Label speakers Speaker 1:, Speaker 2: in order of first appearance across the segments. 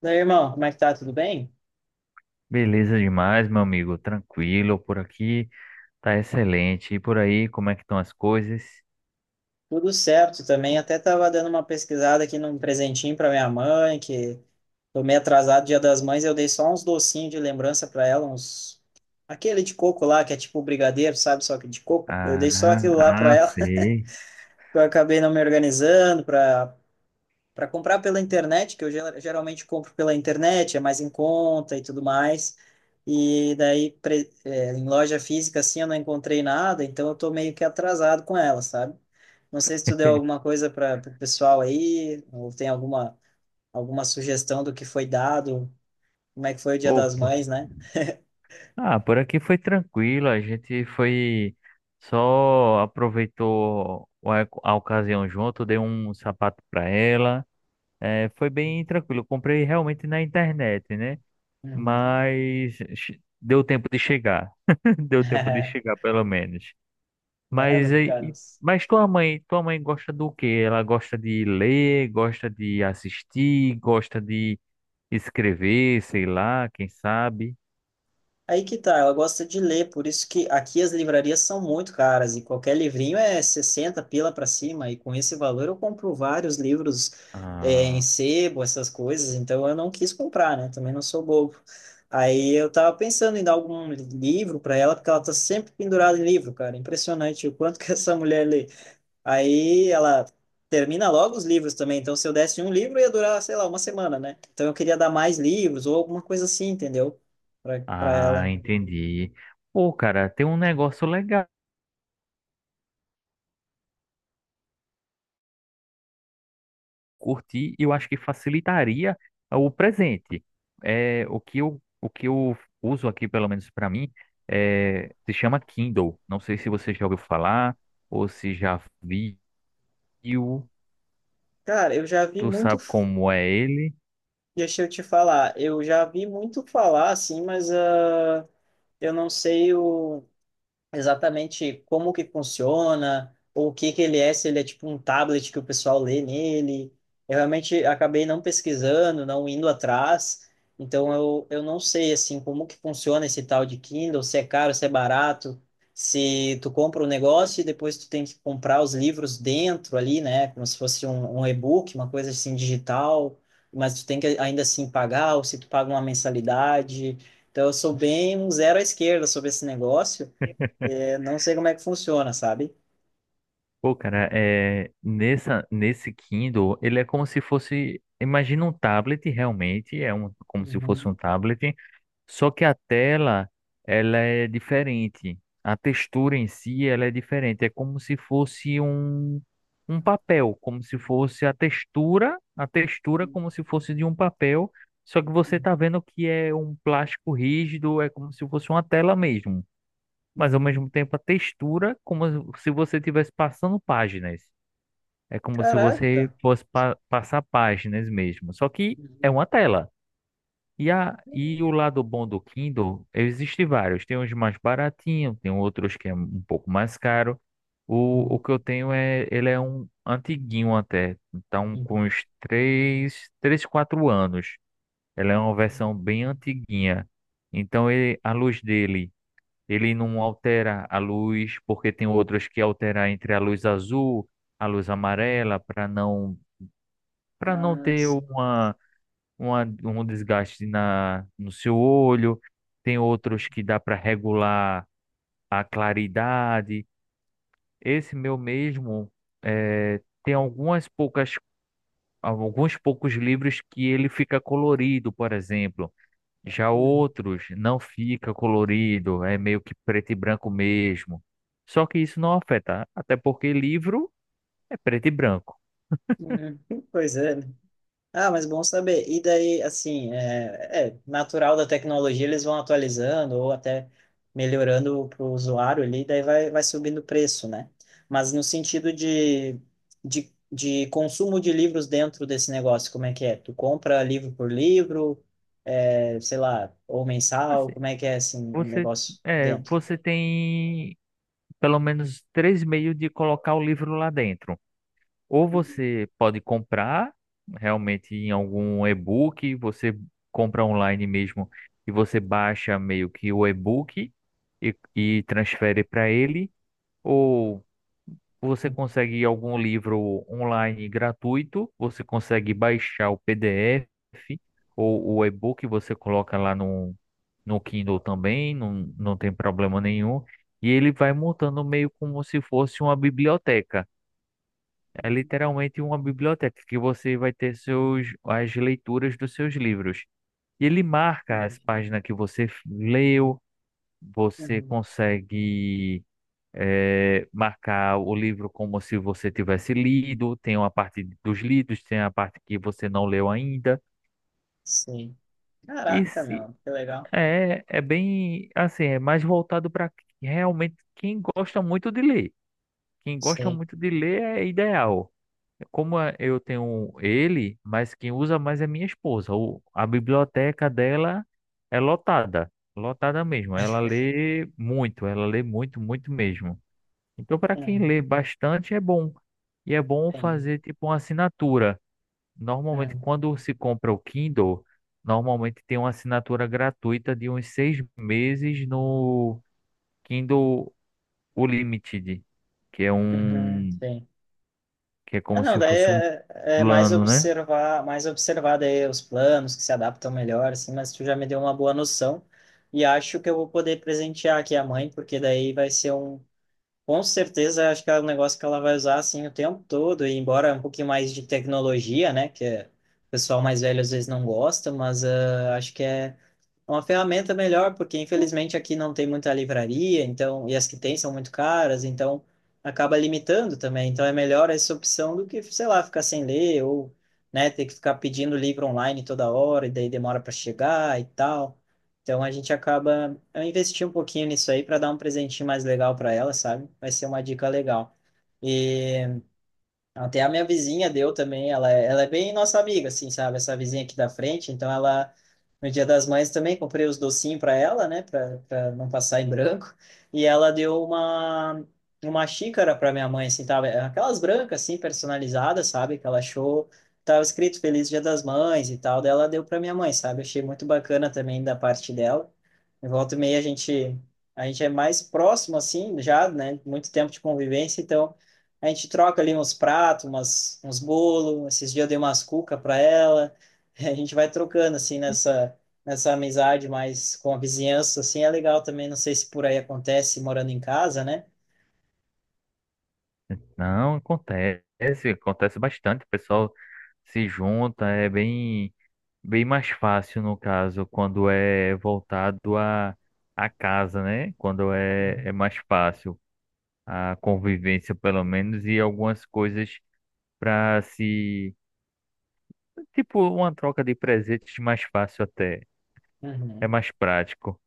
Speaker 1: Daí, irmão, como é que tá? Tudo bem?
Speaker 2: Beleza demais, meu amigo. Tranquilo, por aqui tá excelente. E por aí, como é que estão as coisas?
Speaker 1: Tudo certo também. Até tava dando uma pesquisada aqui num presentinho para minha mãe, que tô meio atrasado Dia das Mães. Eu dei só uns docinhos de lembrança para ela, uns aquele de coco lá, que é tipo brigadeiro, sabe? Só que de coco. Eu dei só
Speaker 2: Ah,
Speaker 1: aquilo lá para
Speaker 2: ah,
Speaker 1: ela, que
Speaker 2: sei.
Speaker 1: eu acabei não me organizando para comprar pela internet, que eu geralmente compro pela internet, é mais em conta e tudo mais. E daí em loja física assim eu não encontrei nada, então eu tô meio que atrasado com ela, sabe? Não sei se tu deu alguma coisa para o pessoal aí, ou tem alguma sugestão do que foi dado, como é que foi o Dia das
Speaker 2: Opa.
Speaker 1: Mães, né?
Speaker 2: Ah, por aqui foi tranquilo. A gente foi só aproveitou a ocasião junto, dei um sapato para ela. É, foi bem tranquilo. Comprei realmente na internet, né?
Speaker 1: Uhum.
Speaker 2: Deu tempo de chegar. Deu tempo de chegar, pelo menos.
Speaker 1: Né,
Speaker 2: Mas,
Speaker 1: Lucas?
Speaker 2: mas tua mãe gosta do quê? Ela gosta de ler, gosta de assistir, gosta de escrever, sei lá, quem sabe.
Speaker 1: Aí que tá, ela gosta de ler, por isso que aqui as livrarias são muito caras e qualquer livrinho é 60 pila para cima, e com esse valor eu compro vários livros é, em
Speaker 2: Ah,
Speaker 1: sebo, essas coisas, então eu não quis comprar, né? Também não sou bobo. Aí eu tava pensando em dar algum livro para ela, porque ela tá sempre pendurada em livro, cara. Impressionante o quanto que essa mulher lê. Aí ela termina logo os livros também, então se eu desse um livro ia durar, sei lá, uma semana, né? Então eu queria dar mais livros ou alguma coisa assim, entendeu? Para
Speaker 2: ah,
Speaker 1: ela.
Speaker 2: entendi. Pô, cara, tem um negócio legal. Curtir, eu acho que facilitaria o presente. É, o que eu uso aqui, pelo menos para mim, é, se chama Kindle. Não sei se você já ouviu falar ou se já viu.
Speaker 1: Cara, eu já vi
Speaker 2: Tu
Speaker 1: muito,
Speaker 2: sabe como é ele?
Speaker 1: deixa eu te falar, eu já vi muito falar assim, mas eu não sei o exatamente como que funciona, ou o que que ele é, se ele é tipo um tablet que o pessoal lê nele. Eu realmente acabei não pesquisando, não indo atrás, então eu não sei assim como que funciona esse tal de Kindle, se é caro, se é barato, se tu compra o um negócio e depois tu tem que comprar os livros dentro ali, né, como se fosse um, um e-book, uma coisa assim digital, mas tu tem que ainda assim pagar, ou se tu paga uma mensalidade. Então eu sou bem um zero à esquerda sobre esse negócio. É, não sei como é que funciona, sabe?
Speaker 2: Pô, cara, é, nesse Kindle, ele é como se fosse, imagina um tablet realmente, é um, como se fosse
Speaker 1: Uhum,
Speaker 2: um tablet, só que a tela, ela é diferente, a textura em si, ela é diferente, é como se fosse um, um papel, como se fosse a textura
Speaker 1: uhum,
Speaker 2: como se fosse de um papel, só que você tá vendo que é um plástico rígido, é como se fosse uma tela mesmo, mas ao
Speaker 1: uhum.
Speaker 2: mesmo tempo a textura, como se você estivesse passando páginas. É como se você
Speaker 1: Caraca.
Speaker 2: passar páginas mesmo. Só que é
Speaker 1: Uhum,
Speaker 2: uma tela. E o lado bom do Kindle, existem vários. Tem uns mais baratinhos, tem outros que é um pouco mais caro. O
Speaker 1: uhum,
Speaker 2: que eu tenho é, ele é um antiguinho até. Então,
Speaker 1: uhum,
Speaker 2: com uns três 4 anos. Ela é uma versão bem antiguinha. Então, ele, a luz dele, ele não altera a luz, porque tem outros que alteram entre a luz azul, a luz
Speaker 1: uhum.
Speaker 2: amarela, para para não ter
Speaker 1: Mas.
Speaker 2: uma, um desgaste na no seu olho. Tem outros que dá para regular a claridade. Esse meu mesmo, tem algumas poucas alguns poucos livros que ele fica colorido, por exemplo. Já
Speaker 1: Uhum,
Speaker 2: outros não fica colorido, é meio que preto e branco mesmo. Só que isso não afeta, até porque livro é preto e branco.
Speaker 1: uhum. Pois é, né? Ah, mas bom saber. E daí, assim, é natural da tecnologia, eles vão atualizando ou até melhorando para o usuário ali, daí vai, vai subindo o preço, né? Mas no sentido de, consumo de livros dentro desse negócio, como é que é? Tu compra livro por livro, é, sei lá, ou mensal,
Speaker 2: Assim,
Speaker 1: como é que é, assim, o
Speaker 2: você,
Speaker 1: negócio
Speaker 2: é,
Speaker 1: dentro?
Speaker 2: você tem pelo menos três meios de colocar o livro lá dentro. Ou
Speaker 1: Uhum.
Speaker 2: você pode comprar realmente em algum e-book, você compra online mesmo e você baixa meio que o e-book e transfere para ele. Ou você consegue algum livro online gratuito, você consegue baixar o PDF ou o e-book, você coloca lá no Kindle também, não tem problema nenhum. E ele vai montando meio como se fosse uma biblioteca. É literalmente uma biblioteca que você vai ter seus, as leituras dos seus livros. E ele marca as páginas que você leu, você
Speaker 1: Uhum.
Speaker 2: consegue marcar o livro como se você tivesse lido, tem uma parte dos lidos, tem a parte que você não leu ainda.
Speaker 1: Sim.
Speaker 2: E
Speaker 1: Caraca,
Speaker 2: se
Speaker 1: meu, que legal.
Speaker 2: é, é bem assim, é mais voltado para realmente quem gosta muito de ler. Quem gosta
Speaker 1: Sim.
Speaker 2: muito de ler é ideal. Eu tenho ele, mas quem usa mais é minha esposa. A biblioteca dela é lotada, lotada mesmo. Ela lê muito, muito mesmo. Então, para quem
Speaker 1: Uhum.
Speaker 2: lê bastante, é bom. E é bom
Speaker 1: Sim.
Speaker 2: fazer tipo uma assinatura. Normalmente,
Speaker 1: Uhum.
Speaker 2: quando se compra o Kindle, normalmente tem uma assinatura gratuita de uns 6 meses no Kindle Unlimited, que é
Speaker 1: Uhum,
Speaker 2: um,
Speaker 1: sim.
Speaker 2: que é
Speaker 1: Ah,
Speaker 2: como
Speaker 1: não,
Speaker 2: se
Speaker 1: daí
Speaker 2: fosse um
Speaker 1: é, é
Speaker 2: plano, né?
Speaker 1: mais observar daí os planos que se adaptam melhor, assim, mas tu já me deu uma boa noção e acho que eu vou poder presentear aqui a mãe, porque daí vai ser um, com certeza, acho que é um negócio que ela vai usar, assim, o tempo todo, e embora um pouquinho mais de tecnologia, né, o pessoal mais velho às vezes não gosta, mas ah, acho que é. É uma ferramenta melhor, porque infelizmente aqui não tem muita livraria, então, e as que tem são muito caras, então acaba limitando também. Então é melhor essa opção do que, sei lá, ficar sem ler ou, né, ter que ficar pedindo livro online toda hora e daí demora para chegar e tal. Então a gente acaba, eu investi um pouquinho nisso aí para dar um presentinho mais legal para ela, sabe? Vai ser uma dica legal. E até a minha vizinha deu também, ela é bem nossa amiga, assim, sabe? Essa vizinha aqui da frente, então ela, no Dia das Mães também, comprei os docinhos para ela, né, para não passar em branco, e ela deu uma xícara para minha mãe, assim, tava, aquelas brancas, assim, personalizadas, sabe? Que ela achou, tava escrito Feliz Dia das Mães e tal, daí ela deu para minha mãe, sabe? Achei muito bacana também da parte dela. Em volta e meia a gente é mais próximo, assim, já, né, muito tempo de convivência, então a gente troca ali uns pratos, umas, uns bolos. Esses dias eu dei umas cuca para ela. A gente vai trocando, assim, nessa amizade mais com a vizinhança, assim, é legal também. Não sei se por aí acontece morando em casa, né?
Speaker 2: Não, acontece, acontece bastante. O pessoal se junta, é bem bem mais fácil, no caso, quando é voltado à casa, né? Quando é, é
Speaker 1: Uhum.
Speaker 2: mais fácil a convivência, pelo menos, e algumas coisas para se. Tipo, uma troca de presentes mais fácil até. É
Speaker 1: Uhum.
Speaker 2: mais prático.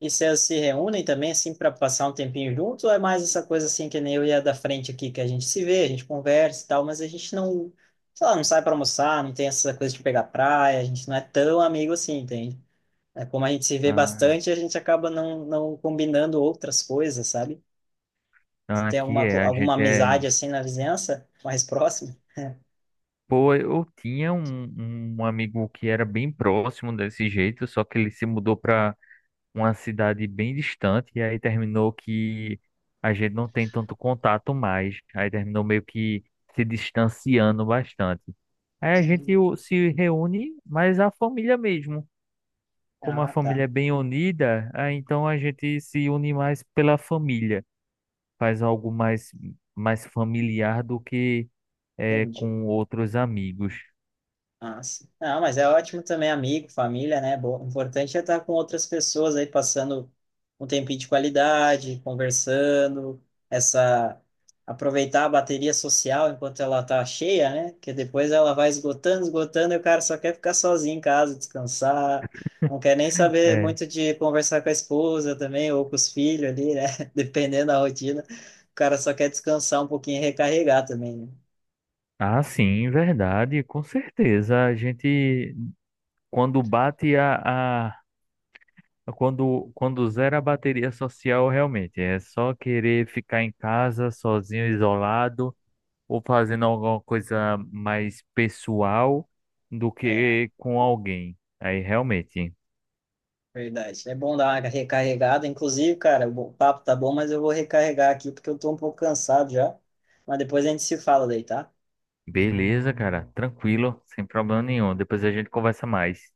Speaker 1: E vocês se reúnem também, assim, para passar um tempinho junto? Ou é mais essa coisa, assim, que nem eu e a da frente aqui, que a gente se vê, a gente conversa e tal, mas a gente não, sei lá, não sai para almoçar, não tem essa coisa de pegar praia, a gente não é tão amigo assim, entende? É, como a gente se vê
Speaker 2: Ah,
Speaker 1: bastante, a gente acaba não combinando outras coisas, sabe? Se
Speaker 2: ah,
Speaker 1: tem
Speaker 2: aqui
Speaker 1: alguma,
Speaker 2: é, a
Speaker 1: alguma
Speaker 2: gente é.
Speaker 1: amizade assim na vizinhança, mais próxima?
Speaker 2: Pô, eu tinha um amigo que era bem próximo desse jeito, só que ele se mudou para uma cidade bem distante, e aí terminou que a gente não tem tanto contato mais. Aí terminou meio que se distanciando bastante. Aí a gente
Speaker 1: Uhum.
Speaker 2: se reúne, mas a família mesmo. Como a
Speaker 1: Ah, tá.
Speaker 2: família é bem unida, aí então a gente se une mais pela família. Faz algo mais, mais familiar do que é,
Speaker 1: Entendi.
Speaker 2: com outros amigos.
Speaker 1: Ah, sim. Ah, mas é ótimo também, amigo, família, né? O importante é estar com outras pessoas aí, passando um tempinho de qualidade, conversando, essa. Aproveitar a bateria social enquanto ela tá cheia, né? Porque depois ela vai esgotando, esgotando, e o cara só quer ficar sozinho em casa, descansar, não quer nem saber
Speaker 2: É.
Speaker 1: muito de conversar com a esposa também, ou com os filhos ali, né? Dependendo da rotina, o cara só quer descansar um pouquinho e recarregar também,
Speaker 2: Ah, sim, verdade, com certeza. A gente, quando bate a... quando zera a bateria social, realmente é só querer ficar em casa, sozinho, isolado, ou fazendo alguma coisa mais pessoal do
Speaker 1: né?
Speaker 2: que com alguém. Aí, realmente,
Speaker 1: Verdade. É bom dar uma recarregada. Inclusive, cara, o papo tá bom, mas eu vou recarregar aqui porque eu tô um pouco cansado já. Mas depois a gente se fala daí, tá?
Speaker 2: beleza, cara, tranquilo, sem problema nenhum. Depois a gente conversa mais.